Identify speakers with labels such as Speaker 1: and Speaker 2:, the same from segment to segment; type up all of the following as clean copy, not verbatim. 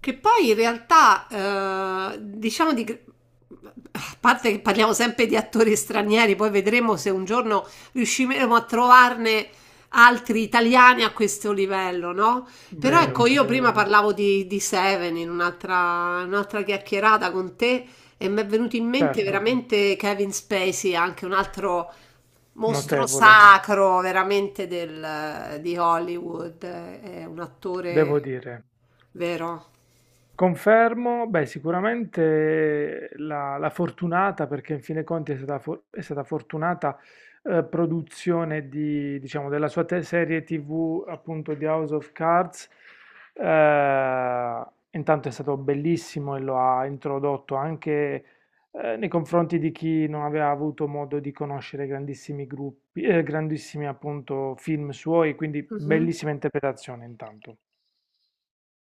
Speaker 1: Che poi in realtà, diciamo di... A parte che parliamo sempre di attori stranieri, poi vedremo se un giorno riusciremo a trovarne altri italiani a questo livello, no? Però ecco,
Speaker 2: Vero,
Speaker 1: io prima
Speaker 2: vero,
Speaker 1: parlavo di Seven in un'altra chiacchierata con te e mi è venuto in mente
Speaker 2: certo,
Speaker 1: veramente Kevin Spacey, anche un altro mostro
Speaker 2: notevole,
Speaker 1: sacro veramente di Hollywood, è un
Speaker 2: devo
Speaker 1: attore
Speaker 2: dire.
Speaker 1: vero.
Speaker 2: Confermo, beh, sicuramente la fortunata, perché in fin dei conti è stata, è stata fortunata produzione di, diciamo, della sua serie TV, appunto di House of Cards. Eh, intanto è stato bellissimo e lo ha introdotto anche nei confronti di chi non aveva avuto modo di conoscere grandissimi gruppi, grandissimi appunto film suoi, quindi
Speaker 1: Mhm.
Speaker 2: bellissima interpretazione intanto.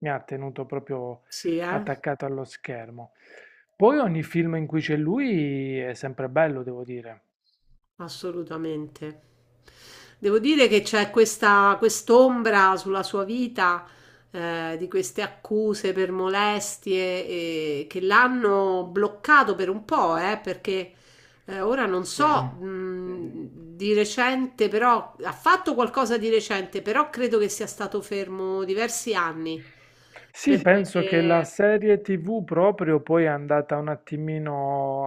Speaker 2: Mi ha tenuto proprio
Speaker 1: Sì,
Speaker 2: attaccato allo schermo. Poi ogni film in cui c'è lui è sempre bello, devo dire.
Speaker 1: assolutamente. Devo dire che c'è questa quest'ombra sulla sua vita, di queste accuse per molestie, che l'hanno bloccato per un po', perché ora non
Speaker 2: Sì,
Speaker 1: so,
Speaker 2: sì.
Speaker 1: di recente, però ha fatto qualcosa di recente, però credo che sia stato fermo diversi anni
Speaker 2: Sì,
Speaker 1: per
Speaker 2: penso che la
Speaker 1: quelle...
Speaker 2: serie TV proprio poi è andata un attimino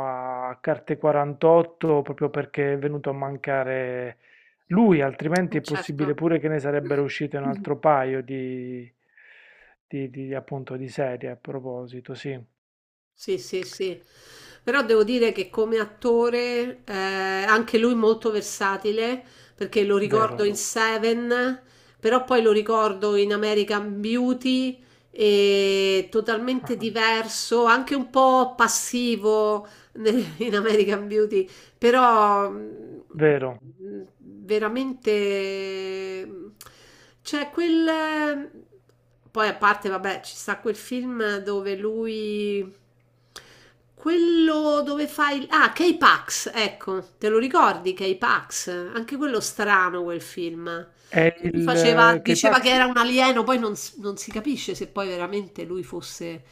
Speaker 2: a carte 48 proprio perché è venuto a mancare lui, altrimenti è possibile
Speaker 1: certo.
Speaker 2: pure che ne sarebbero uscite un altro paio di, appunto di serie a proposito, sì,
Speaker 1: Sì, sì, sì. Però devo dire che come attore, anche lui molto versatile, perché lo ricordo
Speaker 2: vero,
Speaker 1: in Seven, però poi lo ricordo in American Beauty, e totalmente diverso, anche un po' passivo in American Beauty, però
Speaker 2: vero.
Speaker 1: veramente c'è quel... Poi a parte, vabbè, ci sta quel film dove lui, quello dove fa il K-Pax, ecco, te lo ricordi K-Pax? Anche quello strano quel film.
Speaker 2: È
Speaker 1: Lui
Speaker 2: il
Speaker 1: faceva, diceva che
Speaker 2: K-Pax
Speaker 1: era un alieno, poi non si capisce se poi veramente lui fosse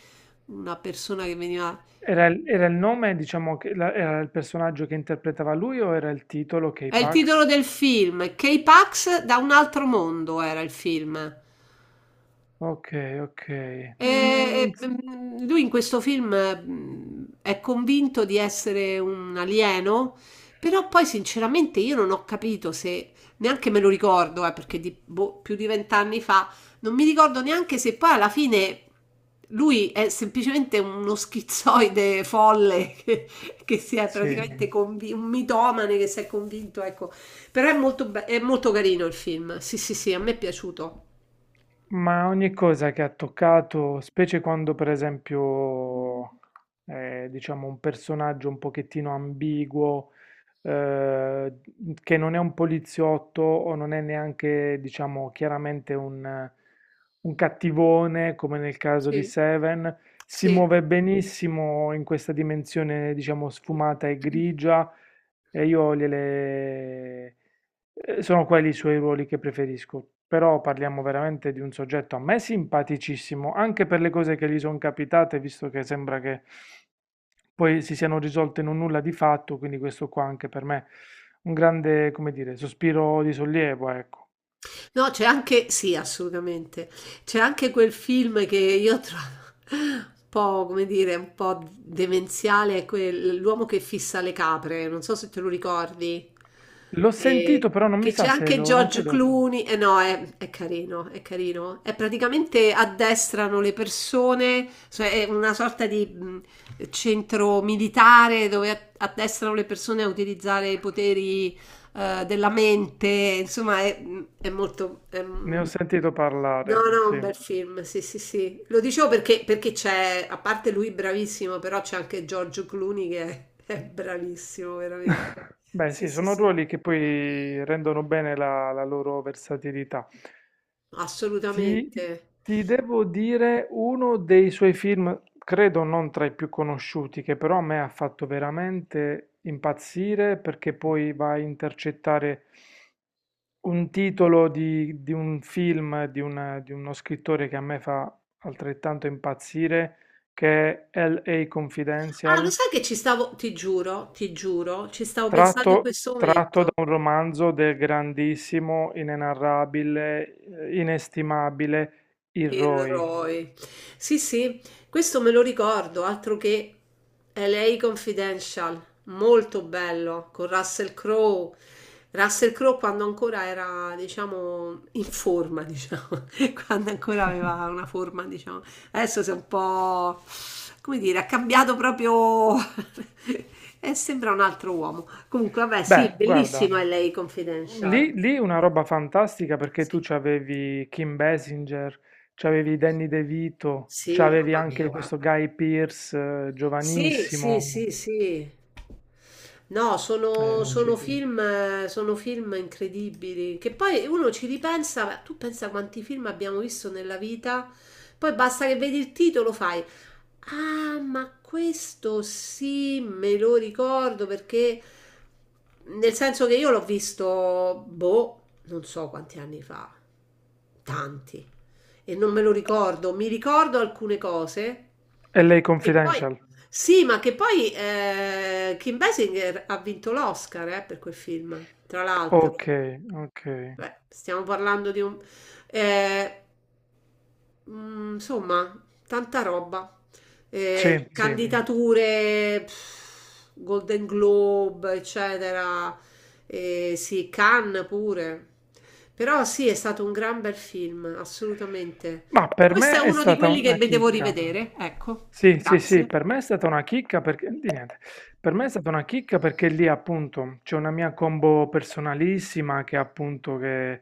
Speaker 1: una persona che veniva...
Speaker 2: era il nome, diciamo, era il personaggio che interpretava lui o era il titolo
Speaker 1: È il titolo
Speaker 2: K-Pax?
Speaker 1: del film, K-Pax da un altro mondo era il film.
Speaker 2: Ok, ok.
Speaker 1: Lui in questo film è convinto di essere un alieno, però poi sinceramente io non ho capito se, neanche me lo ricordo, boh, più di vent'anni fa, non mi ricordo neanche se poi alla fine lui è semplicemente uno schizoide folle che si è
Speaker 2: Sì,
Speaker 1: praticamente convi- un mitomane che si è convinto, ecco. Però è è molto carino il film, sì sì sì, a me è piaciuto.
Speaker 2: ma ogni cosa che ha toccato, specie quando per esempio è, diciamo, un personaggio un pochettino ambiguo, eh, che non è un poliziotto o non è neanche, diciamo, chiaramente un cattivone come nel caso di
Speaker 1: Sì,
Speaker 2: Seven, si muove benissimo in questa dimensione, diciamo, sfumata e
Speaker 1: sì.
Speaker 2: grigia e sono quelli i suoi ruoli che preferisco, però parliamo veramente di un soggetto a me simpaticissimo, anche per le cose che gli sono capitate, visto che sembra che poi si siano risolte in un nulla di fatto, quindi questo qua anche per me un grande, come dire, sospiro di sollievo, ecco.
Speaker 1: No, c'è anche, sì, assolutamente. C'è anche quel film che io trovo un po', come dire, un po' demenziale, è l'uomo che fissa le capre, non so se te lo ricordi.
Speaker 2: L'ho
Speaker 1: E-
Speaker 2: sentito, però non mi
Speaker 1: che c'è
Speaker 2: sa se
Speaker 1: anche
Speaker 2: lo, non
Speaker 1: George
Speaker 2: credo.
Speaker 1: Clooney, e no, è carino, è carino. È praticamente addestrano le persone, cioè è una sorta di centro militare dove addestrano le persone a utilizzare i poteri della mente, insomma è molto... è
Speaker 2: Ne ho sentito
Speaker 1: no,
Speaker 2: parlare,
Speaker 1: no, un
Speaker 2: sì.
Speaker 1: bel film, sì, sì, sì. Lo dicevo perché, perché c'è, a parte lui bravissimo, però c'è anche Giorgio Clooney che è bravissimo, veramente.
Speaker 2: Beh,
Speaker 1: Sì,
Speaker 2: sì,
Speaker 1: sì,
Speaker 2: sono
Speaker 1: sì,
Speaker 2: ruoli che poi rendono bene la loro versatilità. Ti,
Speaker 1: assolutamente.
Speaker 2: ti devo dire uno dei suoi film, credo non tra i più conosciuti, che però a me ha fatto veramente impazzire perché poi va a intercettare un titolo di un film di, di uno scrittore che a me fa altrettanto impazzire, che è L.A.
Speaker 1: Ah, lo
Speaker 2: Confidential,
Speaker 1: sai che ci stavo, ti giuro, ci stavo pensando in questo
Speaker 2: tratto da
Speaker 1: momento.
Speaker 2: un romanzo del grandissimo, inenarrabile, inestimabile
Speaker 1: Il
Speaker 2: Iroi.
Speaker 1: Roy. Sì, sì, questo me lo ricordo, altro che LA Confidential, molto bello, con Russell Crowe. Russell Crowe quando ancora era, diciamo, in forma, diciamo, quando ancora aveva una forma, diciamo. Adesso si è un po', come dire, ha cambiato proprio... e sembra un altro uomo. Comunque, vabbè, sì,
Speaker 2: Beh, guarda,
Speaker 1: bellissimo LA Confidential.
Speaker 2: lì una roba fantastica perché tu c'avevi Kim Basinger, c'avevi Danny DeVito,
Speaker 1: Sì,
Speaker 2: c'avevi anche questo Guy Pearce
Speaker 1: sì, sì,
Speaker 2: giovanissimo,
Speaker 1: sì, sì. No, sono, sono. Sì,
Speaker 2: sì.
Speaker 1: film, sono film incredibili, che poi uno ci ripensa, ma tu pensa quanti film abbiamo visto nella vita, poi basta che vedi il titolo, fai, ah, ma questo sì, me lo ricordo perché, nel senso che io l'ho visto, boh, non so quanti anni fa, tanti, e non me lo ricordo. Mi ricordo alcune cose
Speaker 2: L.A.
Speaker 1: che poi,
Speaker 2: Confidential.
Speaker 1: sì, ma che poi Kim Basinger ha vinto l'Oscar per quel film, tra l'altro.
Speaker 2: Ok, ok.
Speaker 1: Beh, stiamo parlando di un... eh, insomma, tanta roba.
Speaker 2: Sì,
Speaker 1: Mm.
Speaker 2: sì.
Speaker 1: Candidature, pff, Golden Globe, eccetera. Sì, Cannes pure. Però sì, è stato un gran bel film, assolutamente.
Speaker 2: Ma per
Speaker 1: Questo è
Speaker 2: me è
Speaker 1: uno di
Speaker 2: stata
Speaker 1: quelli che
Speaker 2: una
Speaker 1: devo
Speaker 2: chicca.
Speaker 1: rivedere. Ecco,
Speaker 2: Sì, sì, sì,
Speaker 1: grazie.
Speaker 2: per me è stata una chicca perché, di niente, per me è stata una chicca perché lì appunto c'è una mia combo personalissima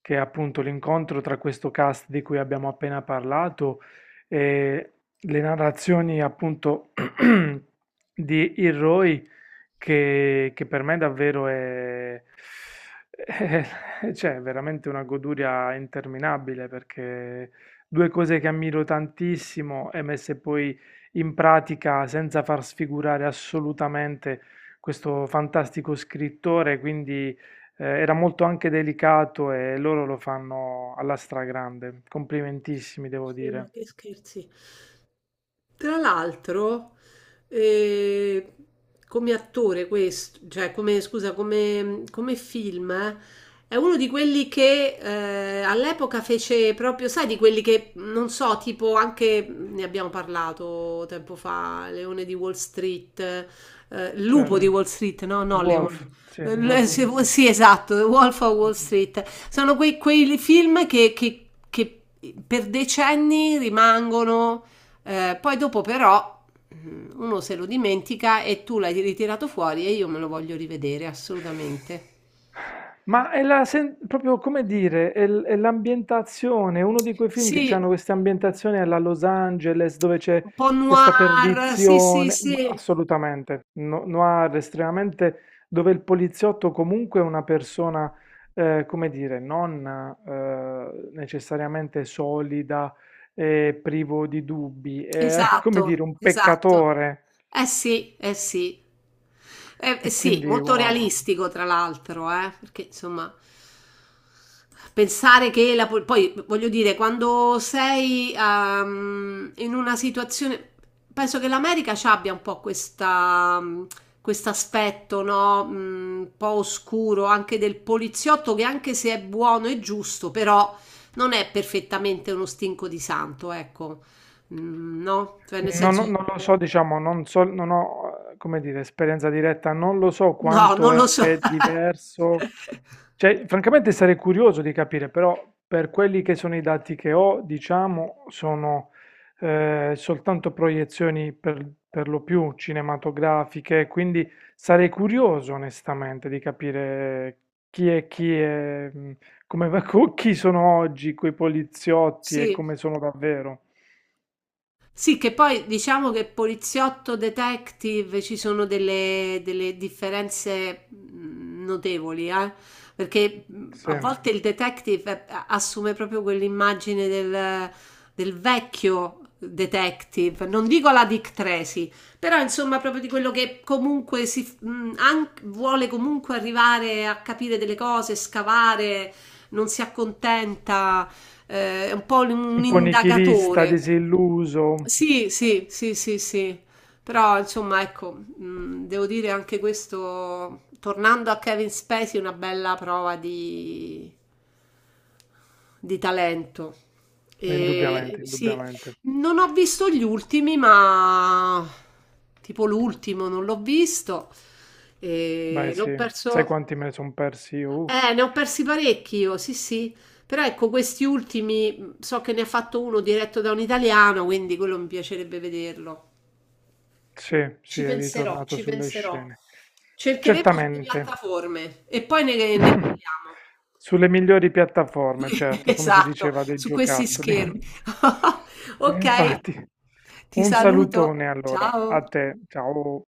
Speaker 2: che è appunto l'incontro tra questo cast di cui abbiamo appena parlato e le narrazioni appunto di Hiroi che per me davvero è, c'è veramente una goduria interminabile perché due cose che ammiro tantissimo e messe poi in pratica senza far sfigurare assolutamente questo fantastico scrittore, quindi era molto anche delicato e loro lo fanno alla stragrande. Complimentissimi, devo
Speaker 1: Sì, ma
Speaker 2: dire.
Speaker 1: che scherzi. Tra l'altro, eh, come attore questo, cioè come, scusa, come, come film, è uno di quelli che all'epoca fece proprio, sai, di quelli che, non so, tipo anche, ne abbiamo parlato tempo fa, Leone di Wall Street, Lupo
Speaker 2: Certo.
Speaker 1: di Wall Street, no, no,
Speaker 2: Wolf,
Speaker 1: Leone.
Speaker 2: sì, Wolf
Speaker 1: Sì,
Speaker 2: Wolf.
Speaker 1: sì, esatto, The Wolf of Wall Street. Sono quei film che per decenni rimangono, poi dopo però uno se lo dimentica e tu l'hai ritirato fuori e io me lo voglio rivedere assolutamente.
Speaker 2: Ma è proprio come dire, è è l'ambientazione, è uno di quei film che
Speaker 1: Sì,
Speaker 2: hanno queste ambientazioni alla Los Angeles dove c'è
Speaker 1: un po'
Speaker 2: questa
Speaker 1: noir, sì, sì,
Speaker 2: perdizione,
Speaker 1: sì.
Speaker 2: ma assolutamente, noir estremamente, dove il poliziotto comunque è una persona, come dire, non necessariamente solida e privo di dubbi, è come
Speaker 1: Esatto,
Speaker 2: dire un
Speaker 1: esatto.
Speaker 2: peccatore
Speaker 1: Eh sì, eh sì. Eh
Speaker 2: e
Speaker 1: sì,
Speaker 2: quindi
Speaker 1: molto
Speaker 2: wow.
Speaker 1: realistico tra l'altro, perché insomma, pensare che la... poi voglio dire, quando sei in una situazione... Penso che l'America ci abbia un po' questa, questo aspetto, no? Un po' oscuro anche del poliziotto che anche se è buono e giusto, però non è perfettamente uno stinco di santo, ecco. Mhmm, no, cioè nel senso
Speaker 2: Non lo so, diciamo, non so, non ho, come dire, esperienza diretta, non lo so
Speaker 1: no,
Speaker 2: quanto
Speaker 1: non lo so.
Speaker 2: è diverso. Cioè, francamente sarei curioso di capire, però per quelli che sono i dati che ho, diciamo, sono soltanto proiezioni per lo più cinematografiche, quindi sarei curioso onestamente di capire chi è, come, chi sono oggi quei poliziotti e
Speaker 1: Sì.
Speaker 2: come sono davvero.
Speaker 1: Sì, che poi diciamo che poliziotto, detective ci sono delle differenze notevoli, eh? Perché a
Speaker 2: Sì.
Speaker 1: volte il detective assume proprio quell'immagine del, del vecchio detective, non dico la Dick Tracy, però insomma proprio di quello che comunque si, vuole comunque arrivare a capire delle cose, scavare, non si accontenta, è un po' un
Speaker 2: Un
Speaker 1: sì, sì, sì,
Speaker 2: po' nichilista,
Speaker 1: indagatore.
Speaker 2: disilluso,
Speaker 1: Sì, sì, sì, sì, sì. Però insomma, ecco, devo dire anche questo, tornando a Kevin Spacey, una bella prova di talento. E,
Speaker 2: indubbiamente,
Speaker 1: sì,
Speaker 2: indubbiamente.
Speaker 1: non ho visto gli ultimi, ma tipo l'ultimo non l'ho visto.
Speaker 2: Beh,
Speaker 1: E l'ho
Speaker 2: sì, sai
Speaker 1: perso.
Speaker 2: quanti me ne sono persi io? Uff,
Speaker 1: Ne ho persi parecchi io, sì, sì. Però ecco, questi ultimi, so che ne ha fatto uno diretto da un italiano, quindi quello mi piacerebbe vederlo.
Speaker 2: sì, sì,
Speaker 1: Ci
Speaker 2: è
Speaker 1: penserò,
Speaker 2: ritornato
Speaker 1: ci
Speaker 2: sulle
Speaker 1: penserò.
Speaker 2: scene.
Speaker 1: Cercheremo sulle
Speaker 2: Certamente,
Speaker 1: piattaforme e poi ne parliamo.
Speaker 2: sulle migliori piattaforme, certo, come si
Speaker 1: Esatto,
Speaker 2: diceva dei
Speaker 1: su questi
Speaker 2: giocattoli.
Speaker 1: schermi.
Speaker 2: Sì,
Speaker 1: Ok,
Speaker 2: infatti,
Speaker 1: ti
Speaker 2: un
Speaker 1: saluto.
Speaker 2: salutone allora a
Speaker 1: Ciao.
Speaker 2: te, ciao.